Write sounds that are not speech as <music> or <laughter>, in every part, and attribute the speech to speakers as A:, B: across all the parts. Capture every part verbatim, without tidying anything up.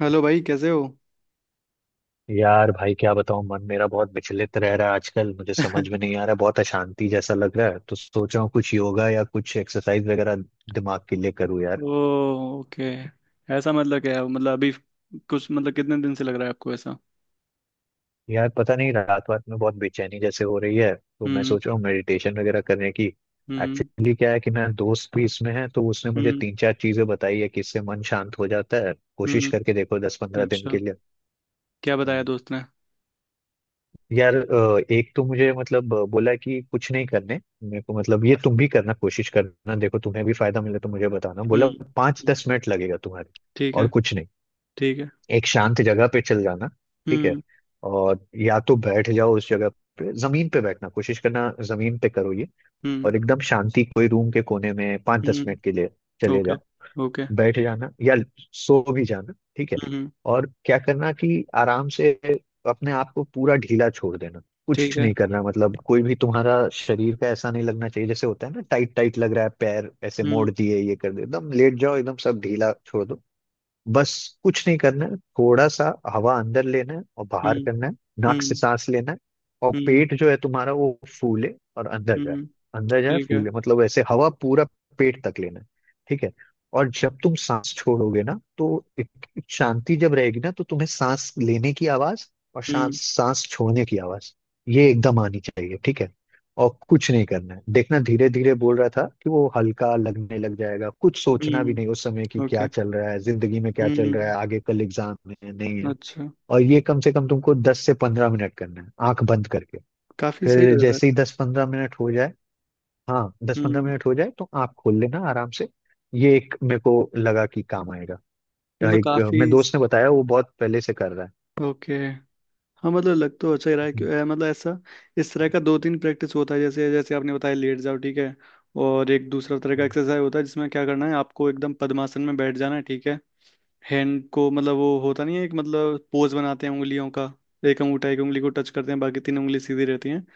A: Hello भाई, कैसे हो?
B: यार भाई क्या बताऊं, मन मेरा बहुत विचलित रह रहा है आजकल। मुझे समझ
A: <laughs>
B: में नहीं आ रहा है, बहुत अशांति जैसा लग रहा है। तो सोच रहा हूँ कुछ योगा या कुछ एक्सरसाइज वगैरह दिमाग के लिए करूँ यार।
A: ओ ओके। ऐसा मतलब क्या है? मतलब अभी कुछ, मतलब कितने दिन से लग रहा है आपको ऐसा?
B: यार पता नहीं, रात रात में बहुत बेचैनी जैसे हो रही है, तो मैं
A: हम्म।
B: सोच रहा हूँ मेडिटेशन वगैरह करने की।
A: हम्म।
B: एक्चुअली क्या है कि मेरा दोस्त भी इसमें है, तो उसने मुझे
A: हम्म।
B: तीन चार चीजें बताई है कि इससे मन शांत हो जाता है। कोशिश
A: हम्म।
B: करके देखो दस पंद्रह दिन
A: अच्छा।
B: के
A: क्या बताया
B: लिए।
A: दोस्त ने?
B: यार अ, एक तो मुझे, मतलब अ, बोला कि कुछ नहीं करने मेरे को। मतलब ये तुम भी करना, कोशिश करना, देखो तुम्हें भी फायदा मिले तो मुझे बताना
A: हम्म।
B: बोला। पाँच
A: हम्म,
B: दस मिनट लगेगा तुम्हारे,
A: ठीक
B: और
A: है।
B: कुछ नहीं।
A: ठीक है।
B: एक शांत जगह पे चल जाना, ठीक है।
A: हम्म।
B: और या तो बैठ जाओ उस जगह पे, जमीन पे बैठना कोशिश करना, जमीन पे करो ये।
A: हम्म।
B: और एकदम शांति, कोई रूम के कोने में पाँच दस मिनट के
A: हम्म।
B: लिए चले
A: ओके।
B: जाओ।
A: ओके।
B: बैठ जाना या सो भी जाना, ठीक है।
A: हम्म। हम्म,
B: और क्या करना कि आराम से अपने आप को पूरा ढीला छोड़ देना।
A: ठीक
B: कुछ
A: है।
B: नहीं करना, मतलब कोई भी तुम्हारा शरीर का ऐसा नहीं लगना चाहिए जैसे होता है ना टाइट टाइट लग रहा है, पैर ऐसे मोड़
A: हम्म।
B: दिए ये कर दिए। एकदम लेट जाओ, एकदम सब ढीला छोड़ दो। बस कुछ नहीं करना है, थोड़ा सा हवा अंदर लेना है और बाहर
A: हम्म।
B: करना है। नाक से
A: हम्म।
B: सांस लेना है, और
A: हम्म।
B: पेट जो है तुम्हारा वो फूले और अंदर जाए।
A: हम्म।
B: अंदर जाए
A: ठीक है।
B: फूले, मतलब ऐसे हवा पूरा पेट तक लेना है, ठीक है। और जब तुम सांस छोड़ोगे ना, तो एक एक शांति जब रहेगी ना, तो तुम्हें सांस लेने की आवाज और
A: हम्म।
B: सांस सांस छोड़ने की आवाज ये एकदम आनी चाहिए, ठीक है। और कुछ नहीं करना है, देखना, धीरे धीरे बोल रहा था कि वो हल्का लगने लग जाएगा। कुछ सोचना भी नहीं उस समय
A: हम्म।
B: कि क्या
A: ओके।
B: चल रहा है जिंदगी में, क्या चल
A: हम्म।
B: रहा है आगे, कल एग्जाम है नहीं है।
A: अच्छा।
B: और ये कम से कम तुमको दस से पंद्रह मिनट करना है आंख बंद करके।
A: काफी सही
B: फिर
A: लग रहा
B: जैसे ही
A: है।
B: दस पंद्रह मिनट हो जाए, हाँ दस पंद्रह
A: हम्म।
B: मिनट हो जाए तो आंख खोल लेना आराम से। ये एक मेरे को लगा कि काम आएगा।
A: मतलब
B: एक अ,
A: काफी।
B: मेरे दोस्त ने बताया, वो बहुत पहले से कर रहा है।
A: ओके। हाँ, मतलब लग तो अच्छा ही रहा है।
B: हम्म,
A: क्यों- अ, मतलब ऐसा इस तरह का दो तीन प्रैक्टिस होता है, जैसे जैसे आपने बताया लेट जाओ, ठीक है। और एक दूसरा तरह का
B: हम्म।
A: एक्सरसाइज होता है जिसमें क्या करना है, आपको एकदम पद्मासन में बैठ जाना है, ठीक है। हैंड को मतलब वो होता नहीं है एक, मतलब पोज बनाते हैं उंगलियों का। एक अंगूठा एक उंगली को टच करते हैं, बाकी तीन उंगली सीधी रहती हैं।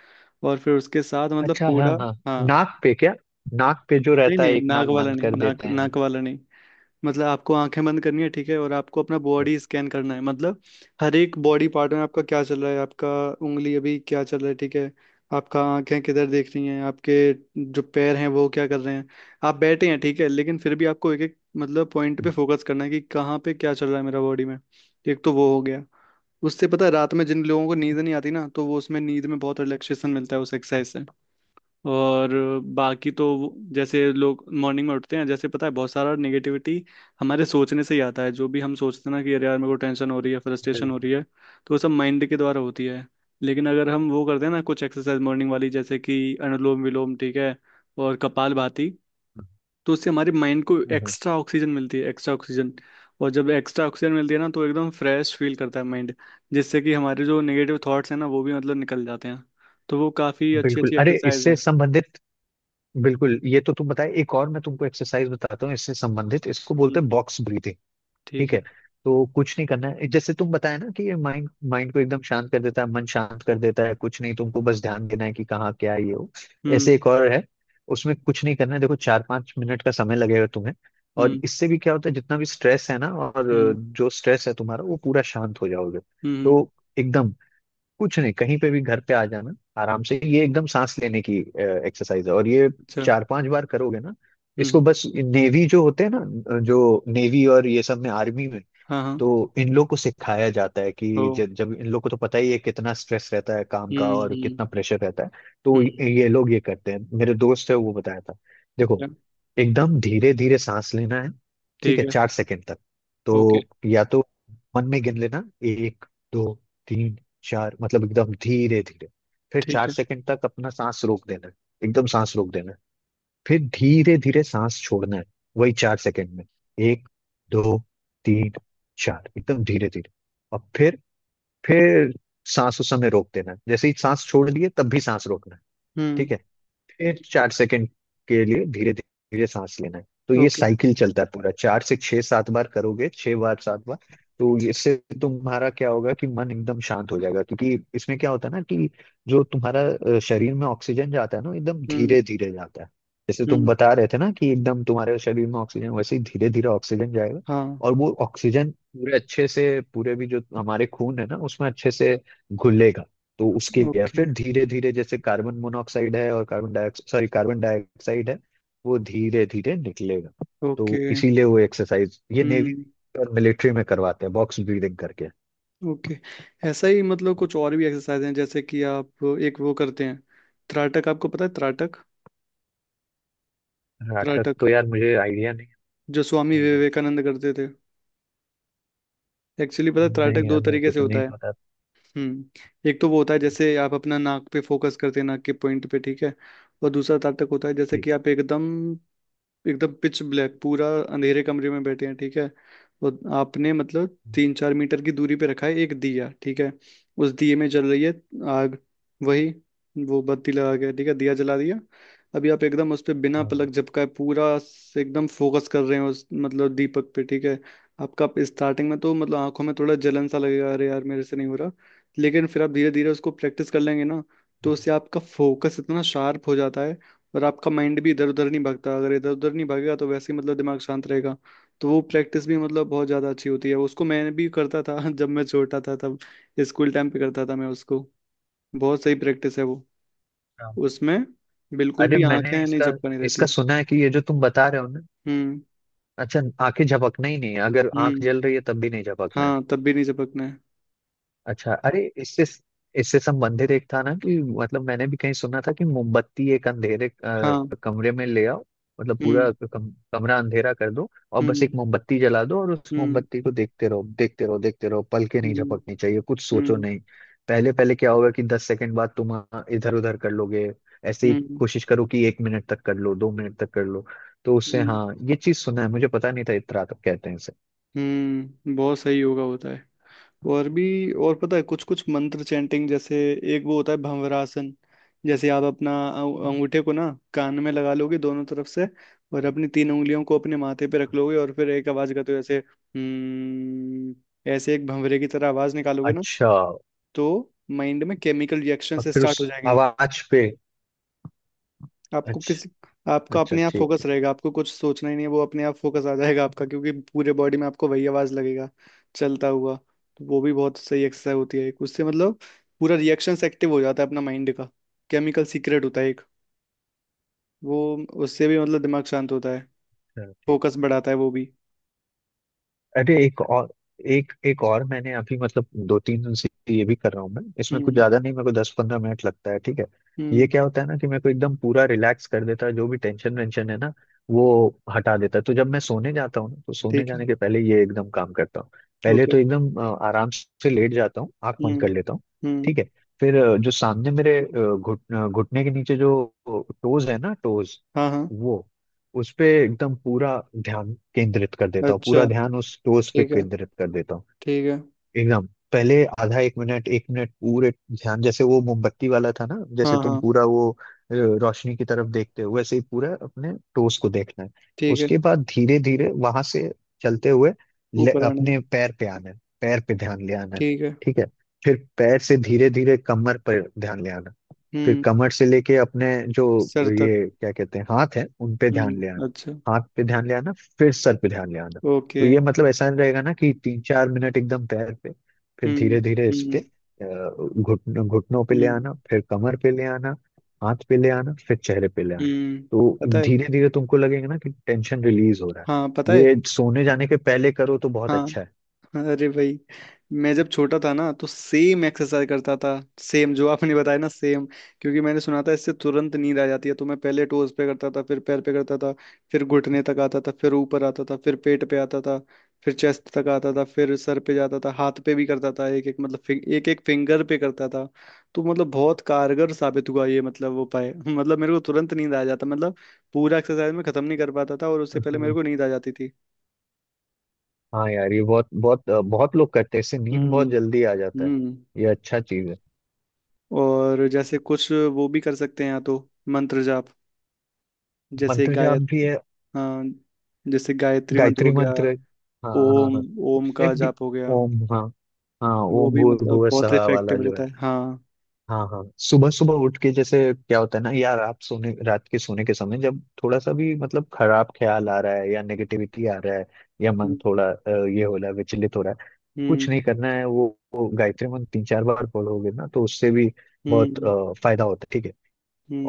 A: और फिर उसके साथ मतलब
B: अच्छा हाँ
A: पूरा।
B: हाँ।
A: हाँ।
B: नाक पे क्या, नाक पे जो
A: नहीं
B: रहता है
A: नहीं,
B: एक
A: नाक
B: नाक
A: वाला
B: बंद
A: नहीं,
B: कर
A: नाक
B: देते हैं।
A: नाक वाला नहीं। मतलब आपको आंखें बंद करनी है, ठीक है, और आपको अपना बॉडी स्कैन करना है, मतलब हर एक बॉडी पार्ट में आपका क्या चल रहा है। आपका उंगली अभी क्या चल रहा है, ठीक है। आपका आंखें किधर देख रही हैं, आपके जो पैर हैं वो क्या कर रहे हैं। आप बैठे हैं, ठीक है, लेकिन फिर भी आपको एक एक मतलब पॉइंट पे फोकस करना है कि कहाँ पे क्या चल रहा है मेरा बॉडी में। एक तो वो हो गया। उससे, पता है, रात में जिन लोगों को नींद नहीं आती ना, तो वो उसमें नींद में बहुत रिलैक्सेशन मिलता है उस एक्सरसाइज से। और बाकी तो वो- जैसे लोग मॉर्निंग में उठते हैं, जैसे पता है बहुत सारा नेगेटिविटी हमारे सोचने से ही आता है। जो भी हम सोचते हैं ना कि अरे यार मेरे को टेंशन हो रही है, फ्रस्ट्रेशन हो
B: बिल्कुल।
A: रही है, तो वो सब माइंड के द्वारा होती है। लेकिन अगर हम वो करते हैं ना कुछ एक्सरसाइज मॉर्निंग वाली, जैसे कि अनुलोम विलोम, ठीक है, और कपालभाति, तो उससे हमारे माइंड को
B: हम्म,
A: एक्स्ट्रा ऑक्सीजन मिलती है, एक्स्ट्रा ऑक्सीजन। और जब एक्स्ट्रा ऑक्सीजन मिलती है ना, तो एकदम फ्रेश फील करता है माइंड, जिससे कि हमारे जो नेगेटिव थॉट्स हैं ना, वो भी मतलब निकल जाते हैं। तो वो काफ़ी अच्छी
B: बिल्कुल।
A: अच्छी
B: अरे
A: एक्सरसाइज
B: इससे संबंधित, बिल्कुल ये तो तुम बताए। एक और मैं तुमको एक्सरसाइज बताता हूँ इससे संबंधित, इसको बोलते
A: हैं,
B: हैं बॉक्स ब्रीथिंग,
A: ठीक
B: ठीक
A: है।
B: है। तो कुछ नहीं करना है, जैसे तुम बताया ना कि ये माइंड माइंड को एकदम शांत कर देता है, मन शांत कर देता है। कुछ नहीं, तुमको बस ध्यान देना है कि कहाँ क्या है ये हो। ऐसे
A: हम्म।
B: एक और है, उसमें कुछ नहीं करना है। देखो चार पांच मिनट का समय लगेगा तुम्हें। और
A: हम्म।
B: इससे भी क्या होता है, जितना भी स्ट्रेस है ना, और
A: हम्म।
B: जो स्ट्रेस है तुम्हारा वो पूरा शांत हो जाओगे।
A: हम्म।
B: तो एकदम, कुछ नहीं, कहीं पे भी घर पे आ जाना आराम से। ये एकदम सांस लेने की एक्सरसाइज है, और ये
A: अच्छा।
B: चार पांच बार करोगे ना।
A: हम्म।
B: इसको
A: हम्म,
B: बस नेवी जो होते हैं ना, जो नेवी और ये सब में, आर्मी में,
A: हाँ हाँ।
B: तो इन लोग को सिखाया जाता है।
A: ओ।
B: कि जब जब इन लोग को, तो पता ही है कितना स्ट्रेस रहता है काम का
A: हम्म।
B: और
A: हम्म।
B: कितना प्रेशर रहता है। तो
A: हम्म।
B: ये ये लोग ये करते हैं, मेरे दोस्त है वो बताया था। देखो,
A: क्या?
B: एकदम धीरे धीरे सांस लेना है, ठीक
A: ठीक
B: है।
A: है।
B: चार सेकंड तक,
A: ओके।
B: तो या तो मन में गिन लेना, एक, दो, तीन, चार, मतलब एकदम धीरे धीरे। फिर
A: ठीक
B: चार
A: है।
B: सेकंड तक अपना सांस रोक देना है, एकदम सांस रोक देना है। फिर धीरे धीरे सांस छोड़ना है, वही चार सेकंड में, एक, दो, तीन, चार, एकदम धीरे धीरे। और फिर फिर सांस उस समय रोक देना है, जैसे ही सांस छोड़ लिए तब भी सांस रोकना है, ठीक
A: हम्म।
B: है। फिर चार सेकंड के लिए धीरे धीरे सांस लेना है। तो ये
A: ओके।
B: साइकिल चलता है पूरा, चार से छह सात बार करोगे, छह बार सात बार। तो इससे तुम्हारा क्या होगा कि मन एकदम शांत हो जाएगा। क्योंकि इसमें क्या होता है ना कि जो तुम्हारा अ, शरीर में ऑक्सीजन जाता है ना, एकदम
A: हम्म।
B: धीरे धीरे जाता है। जैसे तुम
A: हम्म।
B: बता रहे थे ना कि एकदम तुम्हारे शरीर में ऑक्सीजन, वैसे ही धीरे धीरे ऑक्सीजन जाएगा।
A: हाँ।
B: और वो ऑक्सीजन पूरे अच्छे से, पूरे भी जो हमारे खून है ना उसमें अच्छे से घुलेगा। तो उसके लिए
A: ओके।
B: फिर धीरे धीरे, जैसे कार्बन मोनोऑक्साइड है, और carbon dioxide, sorry carbon dioxide है, वो धीरे धीरे निकलेगा।
A: ओके।
B: तो इसीलिए वो एक्सरसाइज ये नेवी
A: हम्म।
B: और मिलिट्री में करवाते हैं, बॉक्स ब्रीदिंग करके।
A: ओके। ऐसा ही मतलब कुछ और भी एक्सरसाइज हैं, जैसे कि आप एक वो करते हैं, त्राटक। आपको पता है त्राटक?
B: नाटक
A: त्राटक
B: तो यार मुझे आइडिया नहीं है।
A: जो स्वामी
B: नहीं नहीं।
A: विवेकानंद करते थे। एक्चुअली पता है
B: नहीं
A: त्राटक दो
B: यार मेरे
A: तरीके
B: को
A: से
B: तो
A: होता
B: नहीं
A: है।
B: पता।
A: हम्म। एक तो वो होता है जैसे आप अपना नाक पे फोकस करते हैं, नाक के पॉइंट पे, ठीक है। और दूसरा तब तक होता है जैसे
B: ठीक
A: कि आप एकदम एकदम पिच ब्लैक पूरा अंधेरे कमरे में बैठे हैं, ठीक है। तो आपने मतलब
B: है।
A: तीन चार मीटर की दूरी पे रखा है एक दिया, ठीक है। उस दिए में जल रही है आग। वही वो बत्ती लगा के, ठीक है, दिया जला दिया। अभी आप एकदम उस पे बिना
B: हाँ
A: पलक झपकाए पूरा से एकदम फोकस कर रहे हैं उस मतलब दीपक पे, ठीक है। आपका स्टार्टिंग में तो मतलब आंखों में थोड़ा जलन सा लगेगा, अरे यार मेरे से नहीं हो रहा। लेकिन फिर आप धीरे धीरे उसको प्रैक्टिस कर लेंगे ना, तो उससे आपका फोकस इतना शार्प हो जाता है। और आपका माइंड भी इधर उधर नहीं भागता, अगर इधर उधर नहीं भागेगा तो वैसे ही मतलब दिमाग शांत रहेगा। तो वो प्रैक्टिस भी मतलब बहुत ज़्यादा अच्छी होती है, उसको मैं भी करता था <laughs> जब मैं छोटा था तब। स्कूल टाइम पे करता था मैं उसको। बहुत सही प्रैक्टिस है वो।
B: हाँ।
A: उसमें बिल्कुल
B: अरे
A: भी
B: मैंने
A: आंखें नहीं
B: इसका
A: झपकनी रहती।
B: इसका सुना है कि ये जो तुम बता रहे हो ना,
A: हम्म।
B: अच्छा। आंखें झपकना ही नहीं है, अगर आंख
A: हम्म।
B: जल रही है तब भी नहीं झपकना है।
A: हाँ, तब भी नहीं झपकना है।
B: अच्छा, अरे इससे इससे संबंधित एक था ना कि, मतलब मैंने भी कहीं सुना था कि मोमबत्ती एक अंधेरे
A: हाँ।
B: अ, कमरे में ले आओ, मतलब
A: हम्म।
B: पूरा कम, कमरा अंधेरा कर दो और बस एक
A: हम्म।
B: मोमबत्ती जला दो और उस
A: हम्म।
B: मोमबत्ती को देखते रहो देखते रहो देखते रहो, पलके नहीं
A: हम्म।
B: झपकनी चाहिए, कुछ सोचो
A: हम्म।
B: नहीं। पहले पहले क्या होगा कि दस सेकंड बाद तुम इधर उधर कर लोगे। ऐसे ही
A: हम्म।
B: कोशिश करो कि एक मिनट तक कर लो, दो मिनट तक कर लो। तो उससे,
A: हम्म।
B: हाँ ये चीज सुना है, मुझे पता नहीं था इत्रा तक कहते हैं इसे।
A: हम्म, बहुत सही योगा होता है। और भी, और पता है कुछ कुछ मंत्र चैंटिंग, जैसे एक वो होता है भंवरासन। जैसे आप अपना अंग- अंगूठे को ना कान में लगा लोगे दोनों तरफ से, और अपनी तीन उंगलियों को अपने माथे पे रख लोगे और फिर एक आवाज करते हो जैसे हम्म, ऐसे एक भंवरे की तरह आवाज निकालोगे ना,
B: अच्छा,
A: तो माइंड में केमिकल रिएक्शन
B: और
A: से
B: फिर उस
A: स्टार्ट हो जाएंगे।
B: आवाज पे।
A: आपको किसी
B: अच्छा।
A: आपका
B: अच्छा
A: अपने आप
B: ठीक
A: फोकस
B: है।
A: रहेगा, आपको कुछ सोचना ही नहीं है, वो अपने आप फोकस आ जाएगा आपका, क्योंकि पूरे बॉडी में आपको वही आवाज लगेगा चलता हुआ। तो वो भी बहुत सही एक्सरसाइज होती है एक, उससे मतलब पूरा रिएक्शन एक्टिव हो जाता है अपना माइंड का, केमिकल सीक्रेट होता है एक। वो उससे भी मतलब दिमाग शांत होता है,
B: हाँ, ठीक
A: फोकस
B: है।
A: बढ़ाता है वो भी।
B: अरे एक और, एक एक और मैंने अभी, मतलब दो तीन दिन से ये भी कर रहा हूँ मैं। इसमें कुछ
A: हम्म।
B: ज्यादा नहीं, मेरे को दस पंद्रह मिनट लगता है, ठीक है। ये
A: हम्म।
B: क्या होता है ना कि मेरे को एकदम पूरा रिलैक्स कर देता है, जो भी टेंशन वेंशन है ना वो हटा देता है। तो जब मैं सोने जाता हूँ ना, तो सोने
A: ठीक है।
B: जाने के पहले ये एकदम काम करता हूँ। पहले
A: ओके।
B: तो एकदम अ, आराम से लेट जाता हूँ, आंख बंद कर
A: हम्म।
B: लेता हूँ,
A: हम्म।
B: ठीक है। फिर अ, जो सामने मेरे, अ, घुट अ, घुटने के नीचे जो टोज है ना, टोज,
A: हाँ हाँ।
B: वो उस पे एकदम पूरा ध्यान केंद्रित कर देता हूँ,
A: अच्छा।
B: पूरा ध्यान उस टोस्ट पे
A: ठीक है।
B: केंद्रित कर देता हूँ।
A: ठीक है।
B: एकदम पहले आधा एक मिनट, एक मिनट पूरे ध्यान, जैसे वो मोमबत्ती वाला था ना,
A: हाँ
B: जैसे तुम
A: हाँ।
B: पूरा वो अ, रोशनी की तरफ देखते हो वैसे ही पूरा अपने टोस्ट को देखना है।
A: ठीक है।
B: उसके बाद धीरे धीरे वहां से चलते हुए ले-
A: ऊपर आने में।
B: अपने पैर पे आना है, पैर पे ध्यान ले आना है,
A: ठीक है।
B: ठीक है। फिर पैर से धीरे धीरे कमर पर ध्यान ले आना है। फिर
A: हम्म।
B: कमर से लेके अपने जो
A: सर तक।
B: ये क्या कहते हैं, हाथ है, उन पे ध्यान ले
A: हम्म।
B: आना,
A: अच्छा।
B: हाथ पे ध्यान ले आना, फिर सर पे ध्यान ले आना। तो
A: ओके।
B: ये मतलब ऐसा नहीं रहेगा ना कि तीन चार मिनट एकदम पैर पे, फिर
A: हम्म।
B: धीरे धीरे इस पे
A: हम्म।
B: अ, घुटन घुटनों पे ले
A: हम्म।
B: आना, फिर कमर पे ले आना, हाथ पे ले आना, फिर चेहरे पे ले आना।
A: हम्म।
B: तो
A: पता है,
B: धीरे धीरे तुमको लगेगा ना कि टेंशन रिलीज हो रहा है,
A: हाँ पता है।
B: ये सोने जाने के पहले करो तो बहुत
A: हाँ।
B: अच्छा है।
A: अरे भाई, मैं जब छोटा था ना तो सेम एक्सरसाइज करता था, सेम जो आपने बताया ना, सेम। क्योंकि मैंने सुना था इससे तुरंत नींद आ जाती है, तो मैं पहले टोज पे करता था, फिर पैर पे करता था, फिर घुटने तक आता था, फिर ऊपर आता था, फिर पेट पे आता था, फिर चेस्ट तक आता था, फिर सर पे जाता था, हाथ पे भी करता था, एक एक मतलब एक एक फिंगर पे करता था। तो मतलब बहुत कारगर साबित हुआ ये मतलब वो उपाय, <laughs> मतलब मेरे को तुरंत नींद आ जाता, मतलब पूरा एक्सरसाइज में खत्म नहीं कर पाता था और उससे पहले मेरे
B: हाँ
A: को नींद आ जाती थी।
B: हाँ यार, ये बहुत बहुत बहुत लोग करते हैं, इससे नींद बहुत
A: हम्म।
B: जल्दी आ जाता है।
A: हम्म।
B: ये अच्छा चीज है।
A: और जैसे कुछ वो भी कर सकते हैं, या तो मंत्र जाप, जैसे
B: मंत्र
A: गाय
B: जाप भी है,
A: हाँ, जैसे गायत्री मंत्र
B: गायत्री
A: हो गया,
B: मंत्र है। हाँ हाँ
A: ओम,
B: हाँ।
A: ओम
B: उससे
A: का
B: भी,
A: जाप हो गया।
B: ओम, हाँ, हाँ
A: वो
B: ओम
A: भी मतलब
B: भूर्भुव
A: बहुत
B: सहा वाला
A: इफेक्टिव
B: जो
A: रहता
B: है।
A: है, हाँ।
B: हाँ हाँ, सुबह सुबह उठ के, जैसे क्या होता है ना यार, आप सोने, रात के सोने के समय, जब थोड़ा सा भी मतलब खराब ख्याल आ रहा है या नेगेटिविटी आ रहा है, या मन
A: हम्म।
B: थोड़ा अ, ये हो रहा है, विचलित हो रहा है, कुछ
A: हम्म।
B: नहीं करना है। वो, वो गायत्री मंत्र तीन चार बार पढ़ोगे ना, तो उससे भी बहुत
A: हम्म।
B: अ, फायदा होता है, ठीक है।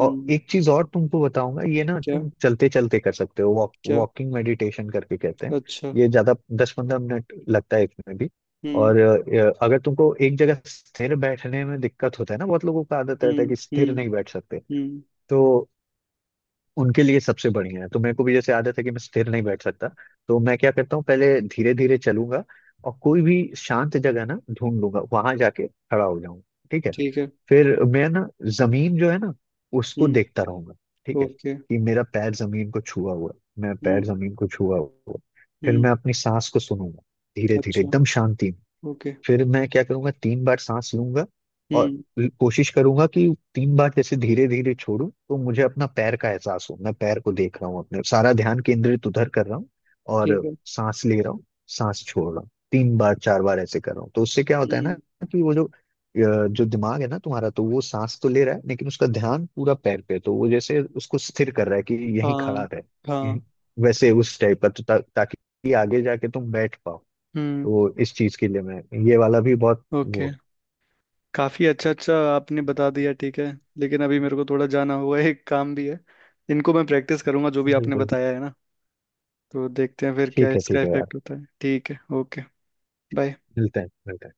B: और एक चीज और तुमको बताऊंगा, ये ना
A: क्या?
B: तुम चलते चलते कर सकते हो, वॉक
A: क्या?
B: वॉकिंग मेडिटेशन करके कहते हैं।
A: अच्छा।
B: ये ज्यादा दस पंद्रह मिनट लगता है इसमें भी।
A: हम्म।
B: और अ, अगर तुमको एक जगह स्थिर बैठने में दिक्कत होता है ना, बहुत लोगों का आदत रहता है
A: हम्म।
B: कि
A: हम्म।
B: स्थिर नहीं बैठ सकते।
A: हम्म।
B: तो उनके लिए सबसे बढ़िया है, तो मेरे को भी जैसे आदत है कि मैं स्थिर नहीं बैठ सकता। तो मैं क्या करता हूँ, पहले धीरे धीरे चलूंगा और कोई भी शांत जगह ना ढूंढ लूंगा, वहां जाके खड़ा हो जाऊंगा, ठीक है।
A: ठीक है।
B: फिर मैं ना, जमीन जो है ना उसको
A: हम्म।
B: देखता रहूंगा, ठीक है।
A: ओके।
B: कि मेरा पैर जमीन को छुआ हुआ है, मैं
A: हम्म।
B: पैर जमीन को छुआ हुआ है। फिर
A: हम्म।
B: मैं अपनी सांस को सुनूंगा, धीरे धीरे
A: अच्छा।
B: एकदम शांति।
A: ओके।
B: फिर मैं क्या करूंगा, तीन बार सांस लूंगा और
A: हम्म।
B: ल- कोशिश करूंगा कि तीन बार जैसे धीरे धीरे छोड़ूं तो मुझे अपना पैर का एहसास हो। मैं पैर को देख रहा हूँ, अपने सारा ध्यान केंद्रित उधर कर रहा हूँ।
A: ठीक
B: और
A: है।
B: सांस ले रहा हूँ, सांस छोड़ रहा हूँ, तीन बार चार बार ऐसे कर रहा हूँ। तो उससे क्या होता है ना
A: हम्म।
B: कि वो, जो अ, जो दिमाग है ना तुम्हारा, तो वो सांस तो ले रहा है लेकिन उसका ध्यान पूरा पैर पे है। तो वो जैसे उसको स्थिर कर रहा है कि यहीं खड़ा
A: हाँ
B: रहे।
A: हाँ।
B: हम्म, वैसे उस टाइप का तो, ता, ताकि आगे जाके तुम बैठ पाओ।
A: हम्म।
B: तो इस चीज के लिए मैं ये वाला भी बहुत
A: ओके।
B: वो
A: काफी अच्छा अच्छा आपने बता दिया, ठीक है। लेकिन अभी मेरे को थोड़ा जाना होगा, एक काम भी है। इनको मैं प्रैक्टिस करूंगा जो भी
B: है।
A: आपने
B: बिल्कुल,
A: बताया है ना। तो देखते हैं फिर क्या
B: ठीक है
A: इसका
B: ठीक है यार,
A: इफेक्ट होता है। ठीक है, ओके, बाय।
B: मिलते हैं मिलते हैं।